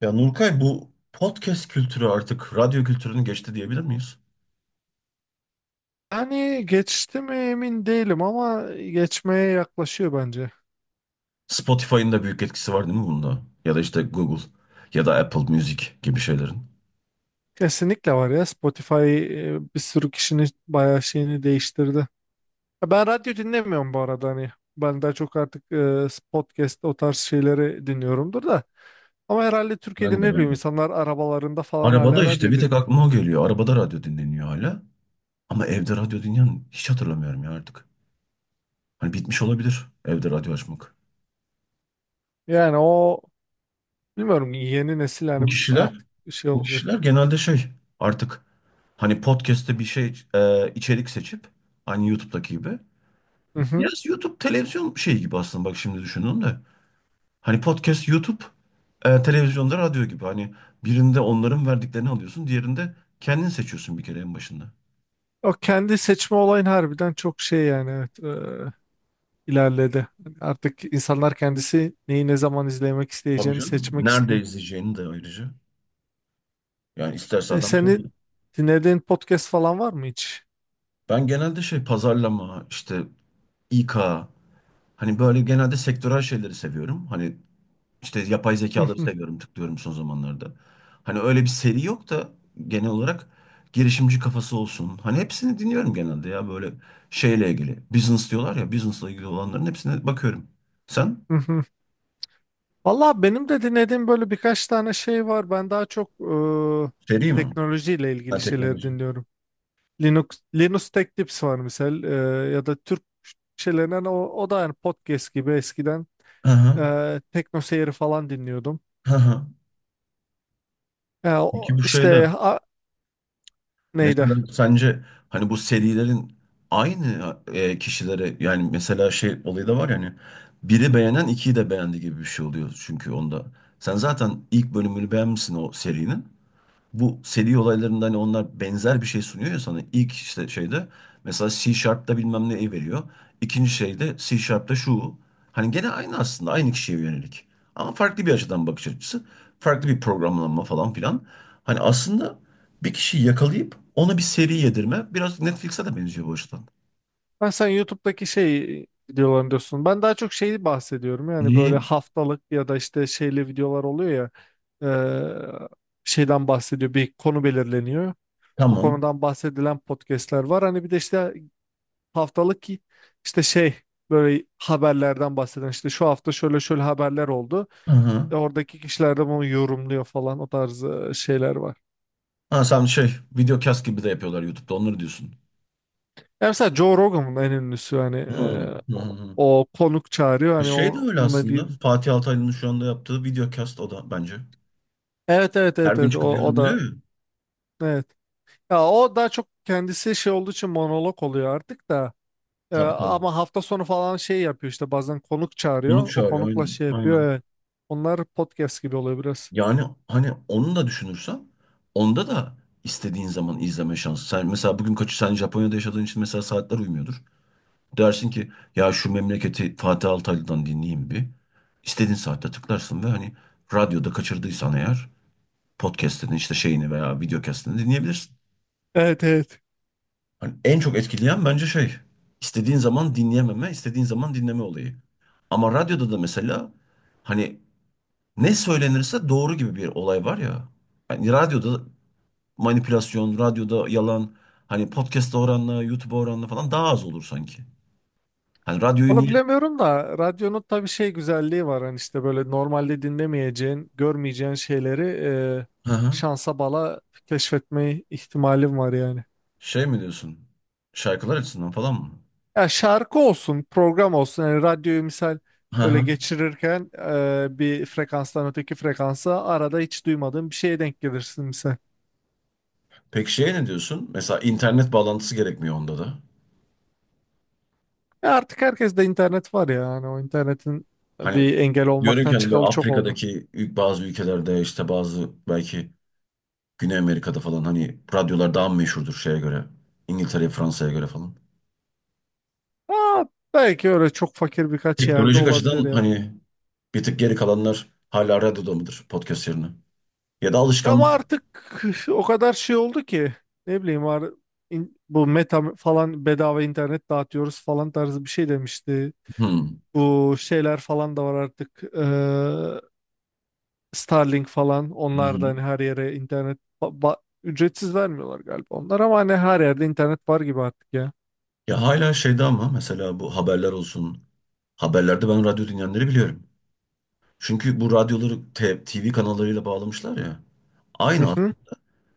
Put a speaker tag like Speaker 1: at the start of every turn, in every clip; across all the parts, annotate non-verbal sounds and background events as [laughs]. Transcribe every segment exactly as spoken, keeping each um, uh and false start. Speaker 1: Ya Nurkay bu podcast kültürü artık radyo kültürünü geçti diyebilir miyiz?
Speaker 2: Hani geçti mi emin değilim ama geçmeye yaklaşıyor bence.
Speaker 1: Spotify'ın da büyük etkisi var değil mi bunda? Ya da işte Google ya da Apple Music gibi şeylerin.
Speaker 2: Kesinlikle var ya. Spotify e, bir sürü kişinin bayağı şeyini değiştirdi. Ya ben radyo dinlemiyorum bu arada hani. Ben daha çok artık e, podcast o tarz şeyleri dinliyorumdur da. Ama herhalde
Speaker 1: Ben
Speaker 2: Türkiye'de
Speaker 1: de
Speaker 2: ne
Speaker 1: ben
Speaker 2: bileyim
Speaker 1: de.
Speaker 2: insanlar arabalarında falan
Speaker 1: Arabada
Speaker 2: hala
Speaker 1: işte
Speaker 2: radyo
Speaker 1: bir tek
Speaker 2: dinliyor.
Speaker 1: aklıma o geliyor. Arabada radyo dinleniyor hala. Ama evde radyo dinleyen hiç hatırlamıyorum ya artık. Hani bitmiş olabilir evde radyo açmak.
Speaker 2: Yani o bilmiyorum, yeni nesil
Speaker 1: Bu
Speaker 2: yani
Speaker 1: kişiler,
Speaker 2: artık şey
Speaker 1: bu kişiler
Speaker 2: olacak.
Speaker 1: genelde şey artık hani podcast'te bir şey e, içerik seçip aynı YouTube'daki gibi.
Speaker 2: Hı hı.
Speaker 1: Biraz YouTube televizyon şeyi gibi aslında bak şimdi düşündüm de. Hani podcast, YouTube, e, televizyonda radyo gibi. Hani birinde onların verdiklerini alıyorsun, diğerinde kendin seçiyorsun bir kere en başında.
Speaker 2: O kendi seçme olayın harbiden çok şey yani, evet. e, ilerledi. Yani artık insanlar kendisi neyi ne zaman izlemek
Speaker 1: Tabii
Speaker 2: isteyeceğini
Speaker 1: canım.
Speaker 2: seçmek
Speaker 1: Nerede
Speaker 2: istiyor.
Speaker 1: izleyeceğini de ayrıca. Yani isterse
Speaker 2: E,
Speaker 1: adam şey.
Speaker 2: senin dinlediğin podcast falan var mı hiç?
Speaker 1: Ben genelde şey pazarlama, işte İ K, hani böyle genelde sektörel şeyleri seviyorum. Hani İşte yapay
Speaker 2: [laughs] Hı
Speaker 1: zekaları
Speaker 2: hı,
Speaker 1: seviyorum, tıklıyorum son zamanlarda. Hani öyle bir seri yok da genel olarak girişimci kafası olsun. Hani hepsini dinliyorum genelde ya böyle şeyle ilgili. Business diyorlar ya, business'la ilgili olanların hepsine bakıyorum. Sen?
Speaker 2: hı hı. Valla benim de dinlediğim böyle birkaç tane şey var. Ben daha çok
Speaker 1: Seri
Speaker 2: e,
Speaker 1: mi?
Speaker 2: teknolojiyle ilgili
Speaker 1: Ben
Speaker 2: şeyleri
Speaker 1: teknoloji.
Speaker 2: dinliyorum. Linux, Linus Tech Tips var misal, e, ya da Türk şeylerinden o, o da yani podcast gibi eskiden,
Speaker 1: Hı hı.
Speaker 2: e, Tekno Seyir'i falan dinliyordum.
Speaker 1: Hı hı.
Speaker 2: E,
Speaker 1: Peki
Speaker 2: o,
Speaker 1: bu şeyde
Speaker 2: işte a- neydi?
Speaker 1: mesela sence hani bu serilerin aynı e, kişilere yani mesela şey olayı da var yani biri beğenen ikiyi de beğendi gibi bir şey oluyor çünkü onda. Sen zaten ilk bölümünü beğenmişsin o serinin bu seri olaylarında hani onlar benzer bir şey sunuyor ya sana. İlk işte şeyde mesela C Sharp'ta bilmem ne veriyor. İkinci şeyde C Sharp'ta şu. Hani gene aynı aslında aynı kişiye yönelik. Ama farklı bir açıdan bakış açısı. Farklı bir programlama falan filan. Hani aslında bir kişiyi yakalayıp ona bir seri yedirme biraz Netflix'e de benziyor bu açıdan.
Speaker 2: Ha, sen YouTube'daki şey videolarını diyorsun. Ben daha çok şeyi bahsediyorum. Yani böyle
Speaker 1: Niye?
Speaker 2: haftalık ya da işte şeyli videolar oluyor ya. eee, Şeyden bahsediyor. Bir konu belirleniyor. O
Speaker 1: Tamam.
Speaker 2: konudan bahsedilen podcastler var. Hani bir de işte haftalık ki işte şey, böyle haberlerden bahseden, işte şu hafta şöyle şöyle haberler oldu.
Speaker 1: Hı hı.
Speaker 2: E, oradaki kişiler de bunu yorumluyor falan, o tarz e, şeyler var.
Speaker 1: Ha sen şey videocast gibi de yapıyorlar YouTube'da onları diyorsun.
Speaker 2: Yani mesela Joe Rogan'ın en ünlüsü hani,
Speaker 1: Hı
Speaker 2: e,
Speaker 1: hı.
Speaker 2: o,
Speaker 1: Hı.
Speaker 2: o konuk çağırıyor
Speaker 1: E
Speaker 2: hani,
Speaker 1: Şey de
Speaker 2: o,
Speaker 1: öyle
Speaker 2: onunla değil.
Speaker 1: aslında. Fatih Altaylı'nın şu anda yaptığı videocast o da bence.
Speaker 2: Evet evet
Speaker 1: Her
Speaker 2: evet
Speaker 1: gün
Speaker 2: evet,
Speaker 1: çıkıp
Speaker 2: o o
Speaker 1: yorumluyor
Speaker 2: da
Speaker 1: ya.
Speaker 2: evet. Ya o daha çok kendisi şey olduğu için monolog oluyor artık da. Ee,
Speaker 1: Tabii tabii.
Speaker 2: ama hafta sonu falan şey yapıyor, işte bazen konuk
Speaker 1: Konuk
Speaker 2: çağırıyor. O
Speaker 1: çağırıyor
Speaker 2: konukla
Speaker 1: aynen.
Speaker 2: şey yapıyor,
Speaker 1: Aynen.
Speaker 2: evet. Onlar podcast gibi oluyor biraz.
Speaker 1: Yani hani onu da düşünürsen onda da istediğin zaman izleme şansı. Sen mesela bugün kaçı sen Japonya'da yaşadığın için mesela saatler uymuyordur. Dersin ki ya şu memleketi Fatih Altaylı'dan dinleyeyim bir. İstediğin saatte tıklarsın ve hani radyoda kaçırdıysan eğer podcast'ini işte şeyini veya videocast'ini dinleyebilirsin.
Speaker 2: Evet evet.
Speaker 1: Hani en çok etkileyen bence şey, istediğin zaman dinleyememe, istediğin zaman dinleme olayı. Ama radyoda da mesela hani ne söylenirse doğru gibi bir olay var ya. Hani radyoda manipülasyon, radyoda yalan, hani podcast'a oranla, YouTube'a oranla falan daha az olur sanki. Hani radyoyu
Speaker 2: Onu
Speaker 1: niye?
Speaker 2: bilemiyorum da radyonun tabii şey güzelliği var, hani işte böyle normalde dinlemeyeceğin, görmeyeceğin şeyleri e,
Speaker 1: Hı hı.
Speaker 2: şansa bala keşfetme ihtimalim var yani.
Speaker 1: Şey mi diyorsun? Şarkılar açısından falan mı?
Speaker 2: Ya şarkı olsun, program olsun. Yani radyoyu misal
Speaker 1: Hı
Speaker 2: böyle
Speaker 1: hı.
Speaker 2: geçirirken e, bir frekanstan öteki frekansa arada hiç duymadığın bir şeye denk gelirsin misal.
Speaker 1: Peki şeye ne diyorsun? Mesela internet bağlantısı gerekmiyor onda da.
Speaker 2: E artık herkes de internet var ya. Hani o internetin
Speaker 1: Hani
Speaker 2: bir engel
Speaker 1: diyorum ki
Speaker 2: olmaktan
Speaker 1: hani böyle
Speaker 2: çıkalı çok oldu.
Speaker 1: Afrika'daki ül- bazı ülkelerde işte bazı belki Güney Amerika'da falan hani radyolar daha mı meşhurdur şeye göre. İngiltere'ye, Fransa'ya göre falan.
Speaker 2: Aa, belki öyle çok fakir birkaç yerde
Speaker 1: Teknolojik açıdan
Speaker 2: olabilir yani.
Speaker 1: hani bir tık geri kalanlar hala radyoda mıdır podcast yerine? Ya da
Speaker 2: Ama
Speaker 1: alışkanlık.
Speaker 2: artık [laughs] o kadar şey oldu ki, ne bileyim, var in- bu meta falan bedava internet dağıtıyoruz falan tarzı bir şey demişti.
Speaker 1: Hmm.
Speaker 2: Bu şeyler falan da var artık. Starlink falan, onlar da hani
Speaker 1: Hmm.
Speaker 2: her yere internet ba- ba- ücretsiz vermiyorlar galiba onlar, ama hani her yerde internet var gibi artık ya.
Speaker 1: Ya hala şeyde ama mesela bu haberler olsun. Haberlerde ben radyo dinleyenleri biliyorum. Çünkü bu radyoları te- T V kanallarıyla bağlamışlar ya.
Speaker 2: Hı
Speaker 1: Aynı
Speaker 2: hı.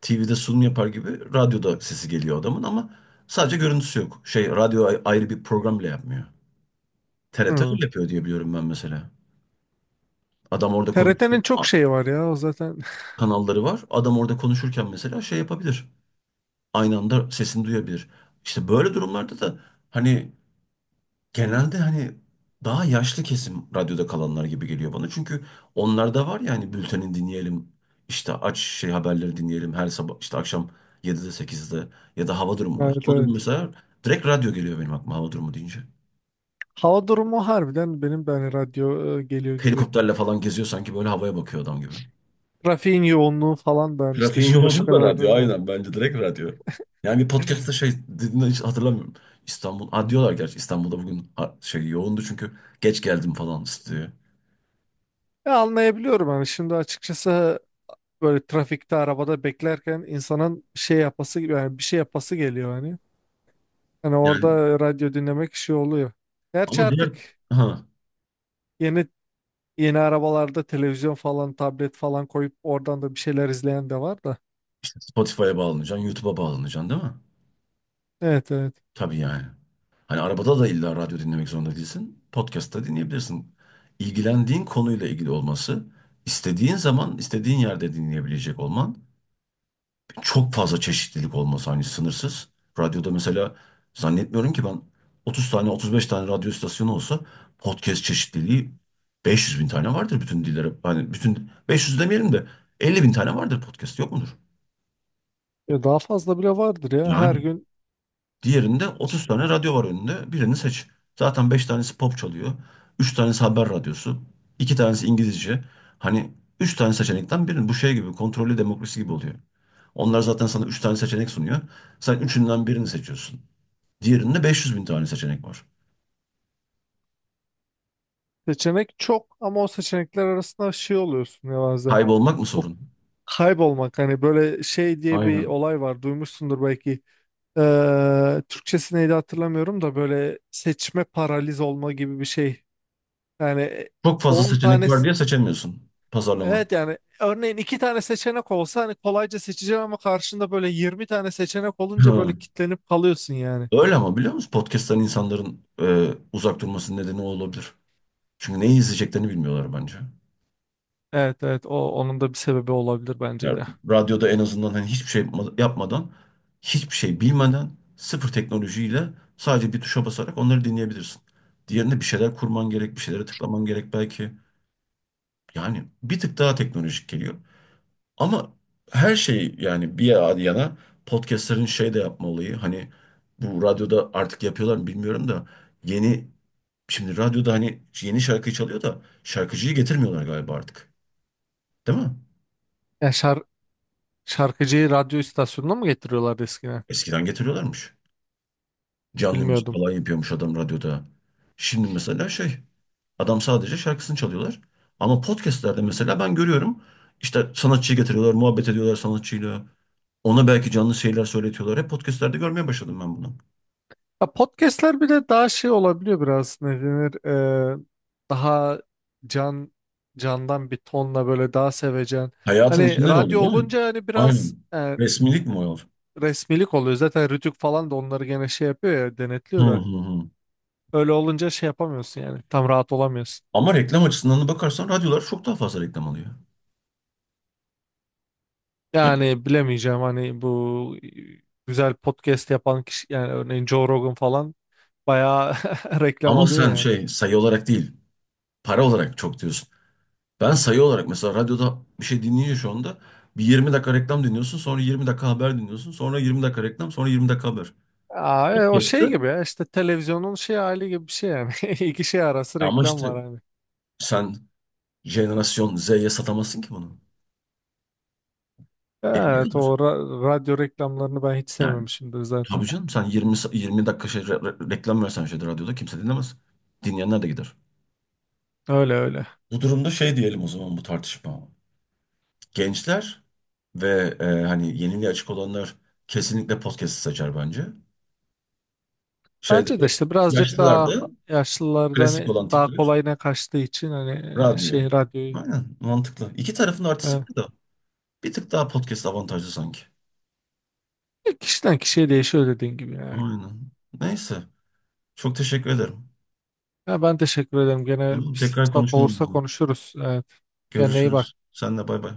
Speaker 1: T V'de sunum yapar gibi radyoda sesi geliyor adamın ama sadece görüntüsü yok. Şey radyo ay- ayrı bir program bile yapmıyor. T R T
Speaker 2: Hı.
Speaker 1: öyle yapıyor diye biliyorum ben mesela. Adam orada konuşuyor.
Speaker 2: T R T'nin çok
Speaker 1: a-
Speaker 2: şeyi var ya o zaten. [laughs]
Speaker 1: Kanalları var. Adam orada konuşurken mesela şey yapabilir. Aynı anda sesini duyabilir. İşte böyle durumlarda da hani genelde hani daha yaşlı kesim radyoda kalanlar gibi geliyor bana. Çünkü onlarda var ya hani bülteni dinleyelim, işte aç şey haberleri dinleyelim her sabah işte akşam yedide sekizde ya da hava durumu mesela.
Speaker 2: Evet
Speaker 1: Hava durumu
Speaker 2: evet.
Speaker 1: mesela direkt radyo geliyor benim aklıma hava durumu deyince.
Speaker 2: Hava durumu harbiden benim de hani radyo e, geliyor gibi.
Speaker 1: Helikopterle falan geziyor sanki böyle havaya bakıyor adam gibi.
Speaker 2: Trafiğin yoğunluğu falan da hani işte
Speaker 1: Trafiğin
Speaker 2: şurada şu
Speaker 1: yoğunluğu da
Speaker 2: kadar.
Speaker 1: radyo
Speaker 2: e.
Speaker 1: aynen bence direkt radyo. Yani bir podcast'ta şey dediğini hiç hatırlamıyorum. İstanbul, ha diyorlar gerçi İstanbul'da bugün ha- şey yoğundu çünkü geç geldim falan diyor.
Speaker 2: Ya anlayabiliyorum hani, şimdi açıkçası böyle trafikte arabada beklerken insanın şey yapası gibi yani, bir şey yapası geliyor hani. Hani
Speaker 1: Yani
Speaker 2: orada radyo dinlemek şey oluyor. Gerçi
Speaker 1: ama diğer
Speaker 2: artık
Speaker 1: ha.
Speaker 2: yeni, yeni arabalarda televizyon falan, tablet falan koyup oradan da bir şeyler izleyen de var da.
Speaker 1: Spotify'a bağlanacaksın, YouTube'a bağlanacaksın değil mi?
Speaker 2: Evet evet.
Speaker 1: Tabii yani. Hani arabada da illa radyo dinlemek zorunda değilsin. Podcast'ta dinleyebilirsin. İlgilendiğin konuyla ilgili olması, istediğin zaman, istediğin yerde dinleyebilecek olman, çok fazla çeşitlilik olması hani sınırsız. Radyoda mesela zannetmiyorum ki ben otuz tane, otuz beş tane radyo istasyonu olsa podcast çeşitliliği beş yüz bin tane vardır bütün dillere. Hani bütün beş yüz demeyelim de elli bin tane vardır podcast yok mudur?
Speaker 2: Ya daha fazla bile vardır ya. Her
Speaker 1: Yani.
Speaker 2: gün
Speaker 1: Diğerinde otuz tane radyo var önünde. Birini seç. Zaten beş tanesi pop çalıyor. Üç tanesi haber radyosu. İki tanesi İngilizce. Hani üç tane seçenekten birini. Bu şey gibi kontrollü demokrasi gibi oluyor. Onlar zaten sana üç tane seçenek sunuyor. Sen üçünden birini seçiyorsun. Diğerinde beş yüz bin tane seçenek var.
Speaker 2: seçenek çok, ama o seçenekler arasında şey oluyorsun ya bazen.
Speaker 1: Kaybolmak mı
Speaker 2: O
Speaker 1: sorun?
Speaker 2: kaybolmak, hani böyle şey diye bir
Speaker 1: Aynen.
Speaker 2: olay var, duymuşsundur belki. Ee, Türkçesi neydi hatırlamıyorum da, böyle seçme paraliz olma gibi bir şey. Yani
Speaker 1: Çok fazla
Speaker 2: on
Speaker 1: seçenek
Speaker 2: tane,
Speaker 1: var diye seçemiyorsun pazarlama.
Speaker 2: evet yani örneğin iki tane seçenek olsa hani kolayca seçeceğim, ama karşında böyle yirmi tane seçenek olunca böyle
Speaker 1: Ha.
Speaker 2: kitlenip kalıyorsun yani.
Speaker 1: Öyle ama biliyor musun? Podcast'tan insanların e, uzak durmasının nedeni o olabilir. Çünkü neyi izleyeceklerini bilmiyorlar bence.
Speaker 2: Evet evet, o onun da bir sebebi olabilir bence
Speaker 1: Ya
Speaker 2: de.
Speaker 1: radyoda en azından hani hiçbir şey yapma- yapmadan, hiçbir şey bilmeden, sıfır teknolojiyle sadece bir tuşa basarak onları dinleyebilirsin. Diğerinde bir şeyler kurman gerek, bir şeylere tıklaman gerek belki. Yani bir tık daha teknolojik geliyor. Ama her şey yani bir yana podcastlerin şey de yapma olayı hani bu radyoda artık yapıyorlar mı bilmiyorum da yeni şimdi radyoda hani yeni şarkıyı çalıyor da şarkıcıyı getirmiyorlar galiba artık. Değil mi?
Speaker 2: Ya şar Şarkıcıyı radyo istasyonuna mı getiriyorlardı eskiden?
Speaker 1: Eskiden getiriyorlarmış. Canlı müzik
Speaker 2: Bilmiyordum.
Speaker 1: falan yapıyormuş adam radyoda. Şimdi mesela şey, adam sadece şarkısını çalıyorlar. Ama podcastlerde mesela ben görüyorum. İşte sanatçıyı getiriyorlar, muhabbet ediyorlar sanatçıyla. Ona belki canlı şeyler söyletiyorlar. Hep podcastlerde görmeye başladım ben bunu.
Speaker 2: Ya podcastler bir de daha şey olabiliyor biraz, ne denir, Ee, daha can candan bir tonla, böyle daha sevecen.
Speaker 1: Hayatın
Speaker 2: Hani
Speaker 1: içinden
Speaker 2: radyo
Speaker 1: oldu değil mi?
Speaker 2: olunca hani biraz
Speaker 1: Aynen.
Speaker 2: e,
Speaker 1: Resmilik mi o?
Speaker 2: resmilik oluyor. Zaten Rütük falan da onları gene şey yapıyor ya,
Speaker 1: Hı
Speaker 2: denetliyor da.
Speaker 1: hı hı.
Speaker 2: Öyle olunca şey yapamıyorsun yani. Tam rahat olamıyorsun.
Speaker 1: Ama reklam açısından da bakarsan radyolar çok daha fazla reklam alıyor. Ya,
Speaker 2: Yani bilemeyeceğim hani, bu güzel podcast yapan kişi yani, örneğin Joe Rogan falan bayağı [laughs] reklam
Speaker 1: ama
Speaker 2: alıyor
Speaker 1: sen
Speaker 2: yani.
Speaker 1: şey sayı olarak değil, para olarak çok diyorsun. Ben sayı olarak mesela radyoda bir şey dinleyince şu anda bir yirmi dakika reklam dinliyorsun, sonra yirmi dakika haber dinliyorsun, sonra yirmi dakika reklam, sonra yirmi dakika haber.
Speaker 2: Aa, e, o şey
Speaker 1: Podcast'ı.
Speaker 2: gibi ya, işte televizyonun şey hali gibi bir şey yani. [laughs] İki şey arası
Speaker 1: Ya ama
Speaker 2: reklam
Speaker 1: işte
Speaker 2: var hani.
Speaker 1: sen jenerasyon Z'ye satamazsın ki bunu. Elinde
Speaker 2: Evet, o
Speaker 1: kalır.
Speaker 2: ra- radyo reklamlarını ben hiç
Speaker 1: Yani
Speaker 2: sevmemişimdir zaten.
Speaker 1: tabii canım sen yirmi, sa- yirmi dakika şey, re- re- reklam versen şeyde radyoda kimse dinlemez. Dinleyenler de gider.
Speaker 2: Öyle öyle.
Speaker 1: Bu durumda şey diyelim o zaman bu tartışma. Gençler ve e, hani yeniliğe açık olanlar kesinlikle podcast'ı seçer bence. Şeyde
Speaker 2: Bence de işte birazcık
Speaker 1: yaşlılar
Speaker 2: daha
Speaker 1: da
Speaker 2: yaşlılarda
Speaker 1: klasik olan
Speaker 2: hani daha
Speaker 1: tipler.
Speaker 2: kolayına kaçtığı için hani, e,
Speaker 1: Radyo.
Speaker 2: şey radyoyu.
Speaker 1: Aynen mantıklı. İki tarafın artısı
Speaker 2: e,
Speaker 1: var da bir tık daha podcast avantajlı sanki.
Speaker 2: Kişiden kişiye değişiyor dediğin gibi yani.
Speaker 1: Aynen. Neyse. Çok teşekkür ederim.
Speaker 2: Ya ben teşekkür ederim. Gene bir
Speaker 1: Tamam, tekrar
Speaker 2: fırsat
Speaker 1: konuşalım
Speaker 2: olursa
Speaker 1: bunu.
Speaker 2: konuşuruz. Evet. Kendine iyi
Speaker 1: Görüşürüz.
Speaker 2: bak.
Speaker 1: Senle bay bay.